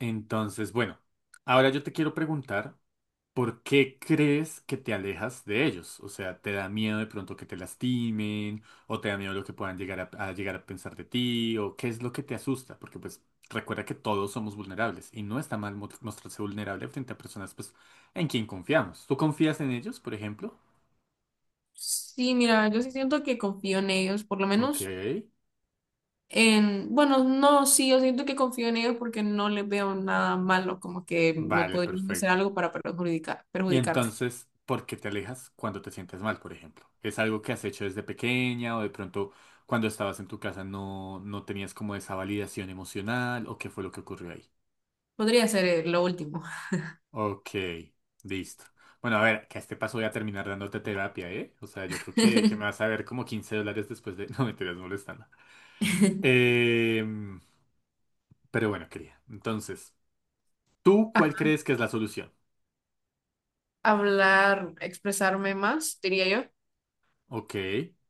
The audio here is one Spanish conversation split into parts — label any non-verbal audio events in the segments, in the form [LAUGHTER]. Entonces, bueno, ahora yo te quiero preguntar, ¿por qué crees que te alejas de ellos? O sea, ¿te da miedo de pronto que te lastimen? ¿O te da miedo lo que puedan llegar a llegar a pensar de ti? ¿O qué es lo que te asusta? Porque pues recuerda que todos somos vulnerables y no está mal mostrarse vulnerable frente a personas pues en quien confiamos. ¿Tú confías en ellos, por ejemplo? Sí, mira, yo sí siento que confío en ellos, por lo Ok, menos en, bueno, no, sí, yo siento que confío en ellos porque no les veo nada malo, como que me vale, podrían hacer perfecto. algo para perjudicar, Y perjudicarme. entonces, ¿por qué te alejas cuando te sientes mal, por ejemplo? ¿Es algo que has hecho desde pequeña o de pronto cuando estabas en tu casa no tenías como esa validación emocional o qué fue lo que ocurrió ahí? Podría ser lo último. Ok, listo. Bueno, a ver, que a este paso voy a terminar dándote terapia, ¿eh? O sea, yo creo que me vas a ver como $15 después de... [LAUGHS] No, me estás molestando. [LAUGHS] Em, pero bueno, querida. Entonces, ¿tú cuál Ah, crees que es la solución? hablar, expresarme más, diría yo. Ok.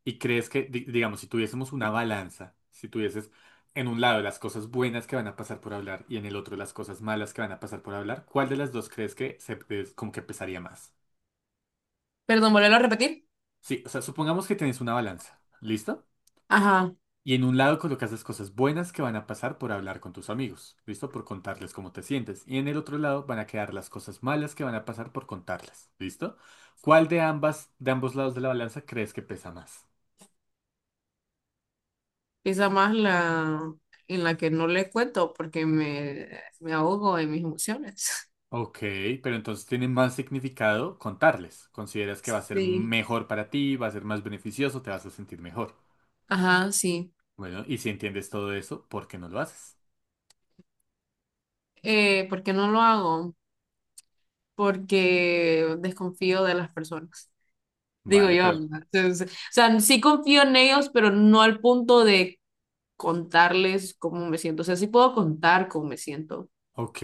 ¿Y crees que, digamos, si tuviésemos una balanza, si tuvieses en un lado las cosas buenas que van a pasar por hablar y en el otro las cosas malas que van a pasar por hablar, ¿cuál de las dos crees que se, es como que pesaría más? Perdón, volverlo a repetir. Sí, o sea, supongamos que tenés una balanza, ¿listo? Ajá, Y en un lado colocas las cosas buenas que van a pasar por hablar con tus amigos, ¿listo? Por contarles cómo te sientes. Y en el otro lado van a quedar las cosas malas que van a pasar por contarlas, ¿listo? ¿Cuál de ambas, de ambos lados de la balanza crees que pesa más? quizá más la en la que no le cuento porque me ahogo en mis emociones. [LAUGHS] Ok, pero entonces tiene más significado contarles. Consideras que va a ser Sí. mejor para ti, va a ser más beneficioso, te vas a sentir mejor. Ajá, sí. Bueno, y si entiendes todo eso, ¿por qué no lo haces? ¿Por qué no lo hago? Porque desconfío de las personas. Digo Vale, yo, pero, ¿verdad? Entonces, o sea, sí confío en ellos, pero no al punto de contarles cómo me siento. O sea, sí puedo contar cómo me siento, ok,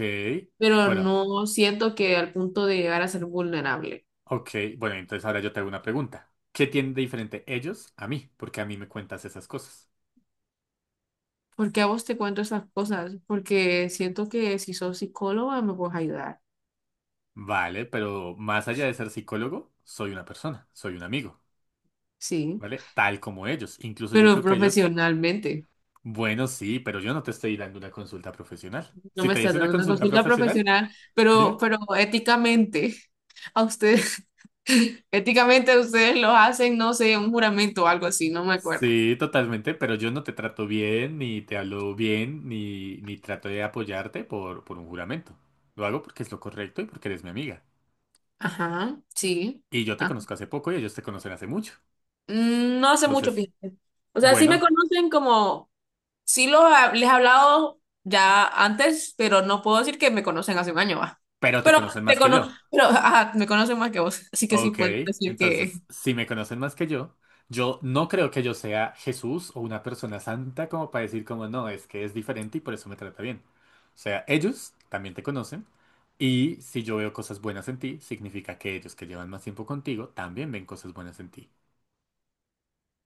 pero bueno, no siento que al punto de llegar a ser vulnerable. ok, bueno, entonces ahora yo te hago una pregunta. ¿Qué tienen de diferente ellos a mí? Porque a mí me cuentas esas cosas. ¿Por qué a vos te cuento estas cosas? Porque siento que si sos psicóloga me puedes ayudar, Vale, pero más allá de ser psicólogo, soy una persona, soy un amigo, sí, ¿vale? Tal como ellos. Incluso yo pero creo que ellos. profesionalmente. Bueno, sí, pero yo no te estoy dando una consulta profesional. No Si me te está hice una dando una consulta consulta profesional, profesional, pero, dime. pero éticamente, a ustedes, [LAUGHS] éticamente ustedes lo hacen, no sé, un juramento o algo así, no me acuerdo. Sí, totalmente, pero yo no te trato bien, ni te hablo bien, ni trato de apoyarte por un juramento. Lo hago porque es lo correcto y porque eres mi amiga. Ajá, sí. Y yo te Ajá. conozco hace poco y ellos te conocen hace mucho. No hace mucho, Entonces, fíjate. O sea, sí me bueno, conocen como, sí los, les he hablado ya antes, pero no puedo decir que me conocen hace un año, va. pero te Pero conocen te más que cono, yo. pero ajá, me conocen más que vos, así que sí Ok, puedo decir entonces, que, si me conocen más que yo no creo que yo sea Jesús o una persona santa como para decir como no, es que es diferente y por eso me trata bien. O sea, ellos también te conocen y si yo veo cosas buenas en ti, significa que ellos que llevan más tiempo contigo también ven cosas buenas en ti.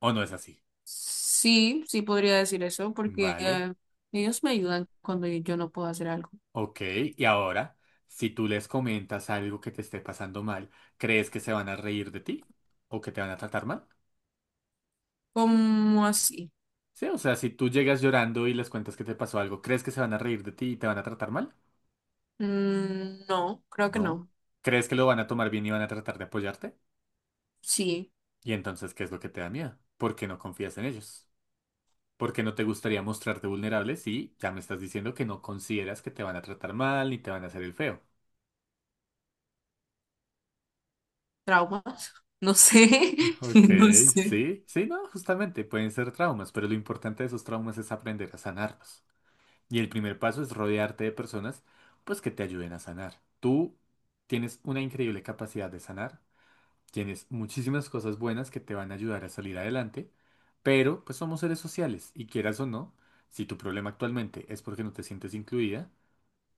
¿O no es así? sí, sí podría decir eso, porque Vale, ellos me ayudan cuando yo no puedo hacer algo. ok, y ahora, si tú les comentas algo que te esté pasando mal, ¿crees que se van a reír de ti? ¿O que te van a tratar mal? ¿Cómo así? Sí, o sea, si tú llegas llorando y les cuentas que te pasó algo, ¿crees que se van a reír de ti y te van a tratar mal? No, creo que No. no. ¿Crees que lo van a tomar bien y van a tratar de apoyarte? Sí, Y entonces, ¿qué es lo que te da miedo? ¿Por qué no confías en ellos? ¿Por qué no te gustaría mostrarte vulnerable si ya me estás diciendo que no consideras que te van a tratar mal ni te van a hacer el feo? traumas. [LAUGHS] No sé, [LAUGHS] Ok, no sé. sí, sí, no, justamente pueden ser traumas, pero lo importante de esos traumas es aprender a sanarlos. Y el primer paso es rodearte de personas, pues que te ayuden a sanar. Tú tienes una increíble capacidad de sanar. Tienes muchísimas cosas buenas que te van a ayudar a salir adelante, pero pues somos seres sociales y quieras o no, si tu problema actualmente es porque no te sientes incluida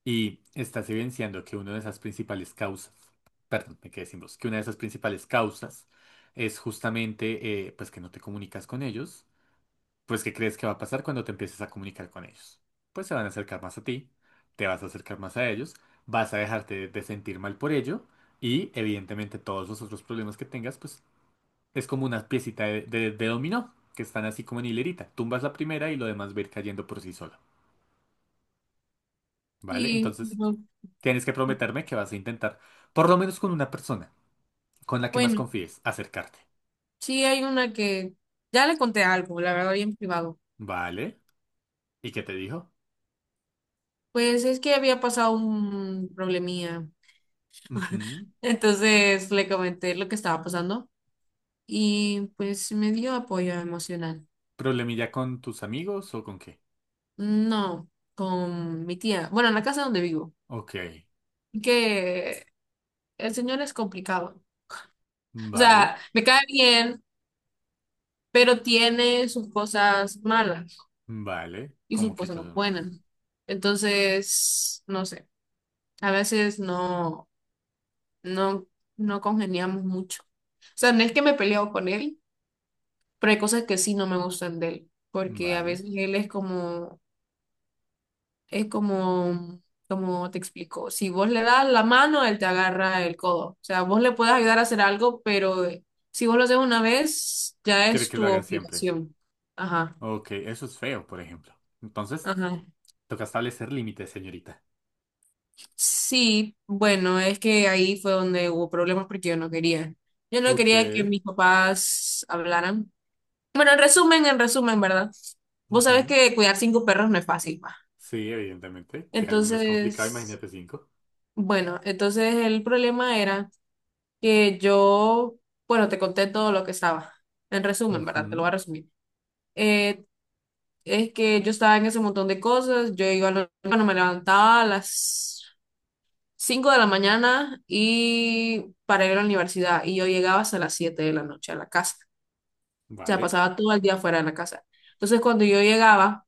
y estás evidenciando que una de esas principales causas, perdón, me quedé sin voz, que una de esas principales causas es justamente pues que no te comunicas con ellos, pues ¿qué crees que va a pasar cuando te empieces a comunicar con ellos? Pues se van a acercar más a ti, te vas a acercar más a ellos, vas a dejarte de sentir mal por ello. Y evidentemente todos los otros problemas que tengas, pues es como una piecita de, de dominó, que están así como en hilerita. Tumbas la primera y lo demás va a ir cayendo por sí solo, ¿vale? Y Entonces, no, tienes que no, prometerme que vas a intentar, por lo menos con una persona, con la que más bueno, confíes, acercarte, sí hay una que ya le conté algo, la verdad, bien privado. ¿vale? ¿Y qué te dijo? Pues es que había pasado un problemía. Ujú. Entonces le comenté lo que estaba pasando y pues me dio apoyo emocional. ¿Problemilla con tus amigos o con qué? No, con mi tía. Bueno, en la casa donde vivo. Ok, Que el señor es complicado. O vale, sea, me cae bien, pero tiene sus cosas malas vale. y sus ¿Cómo qué cosas no cosas buenas. más? Entonces, no sé. A veces no, no congeniamos mucho. O sea, no es que me peleo con él, pero hay cosas que sí no me gustan de él. Porque a Vale. veces él es como. Es como, como te explico, si vos le das la mano, él te agarra el codo. O sea, vos le puedes ayudar a hacer algo, pero si vos lo haces una vez, ya Quiere es que lo tu haga siempre. obligación. Ajá, Ok, eso es feo, por ejemplo. Entonces, ajá. toca establecer límites, señorita. Sí, bueno, es que ahí fue donde hubo problemas porque yo no quería. Yo no Ok. quería que mis papás hablaran. Bueno, en resumen, ¿verdad? Vos sabés Ujú. que cuidar cinco perros no es fácil, pa. Sí, evidentemente. Cuidar uno es complicado, Entonces, imagínate cinco. bueno, entonces el problema era que yo, bueno, te conté todo lo que estaba. En resumen, ¿verdad? Te lo Ujú. voy a resumir. Eh, es que yo estaba en ese montón de cosas. Yo iba, bueno, me levantaba a las 5 de la mañana y para ir a la universidad. Y yo llegaba hasta las 7 de la noche a la casa. O sea, Vale, pasaba todo el día fuera de la casa. Entonces, cuando yo llegaba,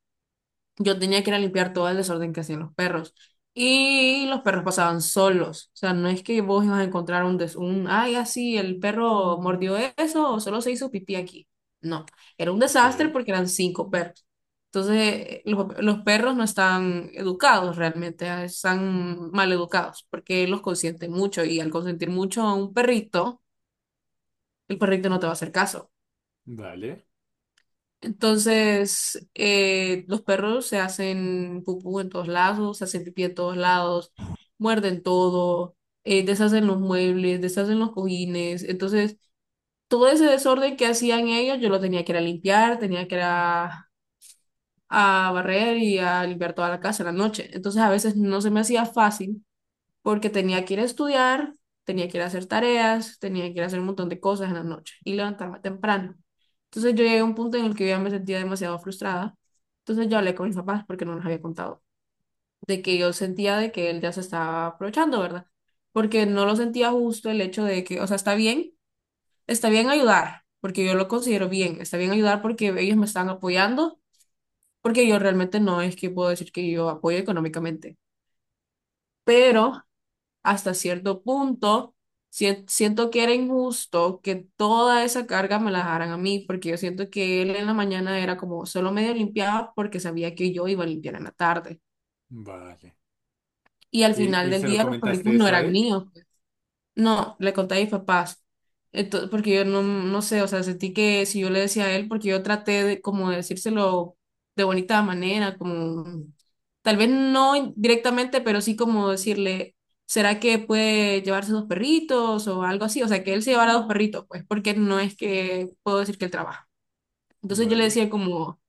yo tenía que ir a limpiar todo el desorden que hacían los perros. Y los perros pasaban solos. O sea, no es que vos ibas a encontrar ay, así, el perro mordió eso o solo se hizo pipí aquí. No, era un desastre ok. porque eran cinco perros. Entonces, los perros no están educados realmente, ah, están mal educados porque los consienten mucho y al consentir mucho a un perrito, el perrito no te va a hacer caso. Vale, Entonces, los perros se hacen pupú en todos lados, se hacen pipí en todos lados, muerden todo, deshacen los muebles, deshacen los cojines. Entonces, todo ese desorden que hacían ellos, yo lo tenía que ir a limpiar, tenía que ir a barrer y a limpiar toda la casa en la noche. Entonces, a veces no se me hacía fácil porque tenía que ir a estudiar, tenía que ir a hacer tareas, tenía que ir a hacer un montón de cosas en la noche y levantarme temprano. Entonces yo llegué a un punto en el que yo ya me sentía demasiado frustrada. Entonces yo hablé con mis papás porque no les había contado de que yo sentía de que él ya se estaba aprovechando, ¿verdad? Porque no lo sentía justo el hecho de que, o sea, está bien ayudar, porque yo lo considero bien, está bien ayudar porque ellos me están apoyando, porque yo realmente no es que puedo decir que yo apoyo económicamente, pero hasta cierto punto, siento que era injusto que toda esa carga me la dejaran a mí, porque yo siento que él en la mañana era como solo medio limpiaba porque sabía que yo iba a limpiar en la tarde. vale. Y al ¿Y, final y del se lo día los perritos comentaste no eso a eran él? míos. No, le conté a mis papás. Entonces, porque yo no, no sé, o sea, sentí que si yo le decía a él, porque yo traté de como de decírselo de bonita manera, como tal vez no directamente, pero sí como decirle, ¿será que puede llevarse dos perritos o algo así? O sea, que él se llevara dos perritos, pues, porque no es que puedo decir que él trabaja. Entonces yo le Vale, decía como,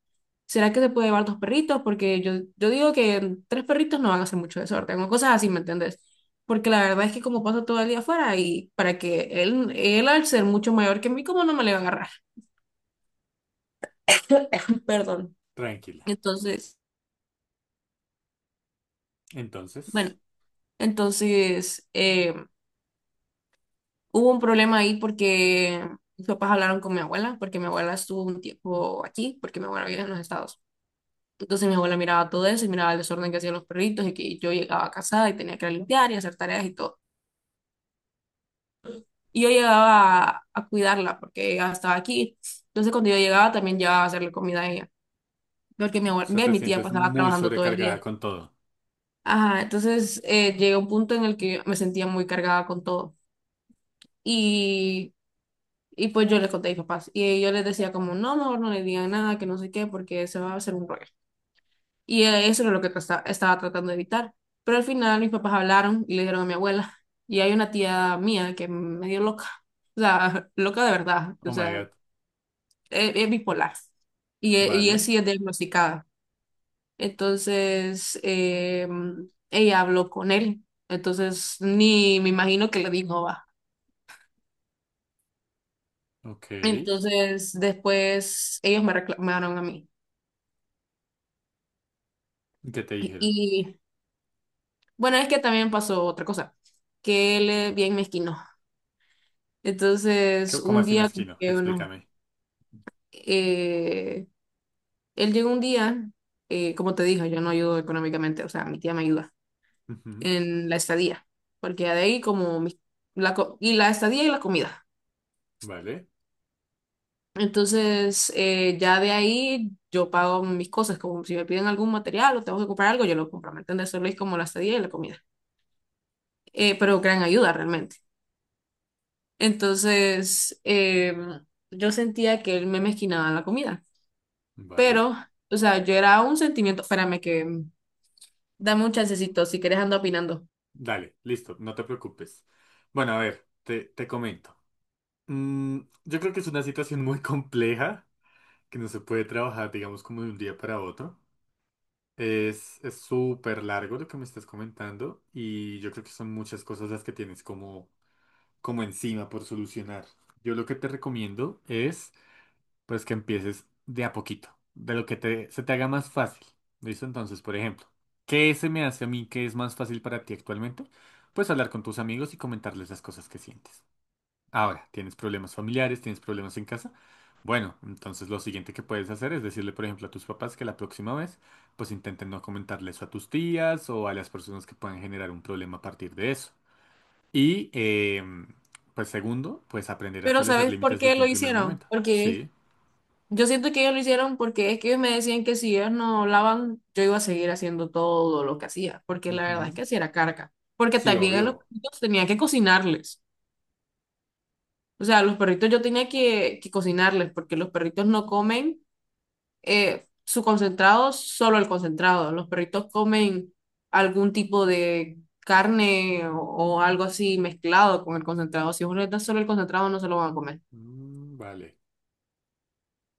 ¿será que se puede llevar dos perritos? Porque yo digo que tres perritos no van a hacer mucho desorden o cosas así, ¿me entendés? Porque la verdad es que como paso todo el día afuera y para que él al ser mucho mayor que mí, ¿cómo no me le va a agarrar? [LAUGHS] Perdón. tranquila. Entonces, Entonces, bueno, entonces hubo un problema ahí porque mis papás hablaron con mi abuela, porque mi abuela estuvo un tiempo aquí, porque mi abuela vive en los Estados. Entonces mi abuela miraba todo eso y miraba el desorden que hacían los perritos y que yo llegaba casada y tenía que limpiar y hacer tareas y todo. Y yo llegaba a cuidarla porque ella estaba aquí. Entonces cuando yo llegaba también llevaba a hacerle comida a ella, porque o sea, ve, te mi tía sientes pasaba muy trabajando todo el sobrecargada día. con todo. Ajá, entonces llegué a un punto en el que me sentía muy cargada con todo. Y, y pues yo les conté a mis papás. Y yo les decía como, no, mejor no le digan nada, que no sé qué, porque se va a hacer un rollo. Y eso era lo que estaba tratando de evitar. Pero al final mis papás hablaron y le dijeron a mi abuela. Y hay una tía mía que me dio loca. O sea, [LAUGHS] loca de verdad. O Oh my sea, God. es bipolar y él Vale, sí es diagnosticada. Entonces, ella habló con él. Entonces, ni me imagino que le dijo, va. ok. ¿Y Entonces, después ellos me reclamaron a mí. ¿Qué te dijeron? Y bueno, es que también pasó otra cosa, que él es bien mezquino. Entonces, ¿Qué- ¿Cómo un así día, como mezquino? que uno, Explícame. eh, él llegó un día, como te dije, yo no ayudo económicamente, o sea, mi tía me ayuda. Ujú. En la estadía, porque ya de ahí como y la estadía y la comida. Vale, Entonces, ya de ahí yo pago mis cosas, como si me piden algún material o tengo que comprar algo, yo lo compro, ¿me entiendes? Solo es como la estadía y la comida. Pero gran ayuda realmente. Entonces, yo sentía que él me mezquinaba la comida, vale. pero, o sea, yo era un sentimiento, espérame que dame un chancecito, si quieres ando opinando. Dale, listo, no te preocupes. Bueno, a ver, te comento. Mm, yo creo que es una situación muy compleja, que no se puede trabajar, digamos, como de un día para otro. Es súper largo lo que me estás comentando y yo creo que son muchas cosas las que tienes como, como encima por solucionar. Yo lo que te recomiendo es, pues, que empieces de a poquito, de lo que te, se te haga más fácil. ¿Listo? Entonces, por ejemplo, ¿qué se me hace a mí que es más fácil para ti actualmente? Pues hablar con tus amigos y comentarles las cosas que sientes. Ahora, tienes problemas familiares, tienes problemas en casa. Bueno, entonces lo siguiente que puedes hacer es decirle, por ejemplo, a tus papás que la próxima vez, pues intenten no comentarle eso a tus tías o a las personas que puedan generar un problema a partir de eso. Y, pues segundo, pues aprender a Pero establecer ¿sabes por límites qué desde lo un primer hicieron? momento. Porque Sí. yo siento que ellos lo hicieron porque es que ellos me decían que si ellos no hablaban, yo iba a seguir haciendo todo lo que hacía, porque la verdad es Ujú. que sí era carga, porque Sí, también a los obvio. perritos tenía que cocinarles, o sea, a los perritos yo tenía que cocinarles, porque los perritos no comen su concentrado, solo el concentrado, los perritos comen algún tipo de carne o algo así mezclado con el concentrado, si uno les da solo el concentrado no se lo van a comer. Mm, vale.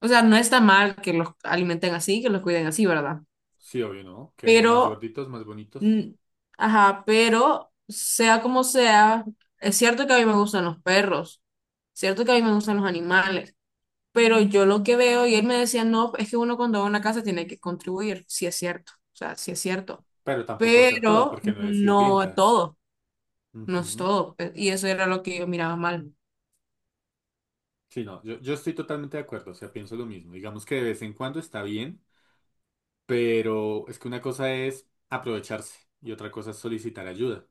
O sea, no está mal que los alimenten así, que los cuiden así, ¿verdad? Sí, obvio, ¿no? Quedan más Pero gorditos, más bonitos. Mm, ajá, pero sea como sea, es cierto que a mí me gustan los perros, cierto que a mí me gustan los animales, pero yo lo que veo, y él me decía, no, es que uno cuando va a una casa tiene que contribuir, sí es cierto, o sea, sí es cierto, Pero tampoco hacer todo pero porque no eres no sirvienta. todo, no es Ujú. todo, y eso era lo que yo miraba mal. Sí, no, yo estoy totalmente de acuerdo, o sea, pienso lo mismo. Digamos que de vez en cuando está bien, pero es que una cosa es aprovecharse y otra cosa es solicitar ayuda.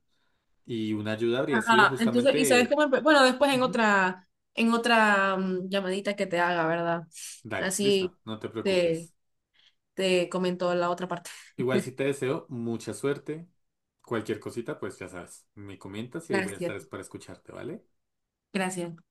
Y una ayuda habría sido Ajá, entonces, y sabes justamente... cómo, bueno, después en Ujú, otra, en otra llamadita que te haga, ¿verdad? dale, listo, Así no te te, preocupes. te comentó la otra parte. Igual si te deseo mucha suerte, cualquier cosita, pues ya sabes, me comentas y ahí voy a estar es Gracias, para escucharte, ¿vale? gracias.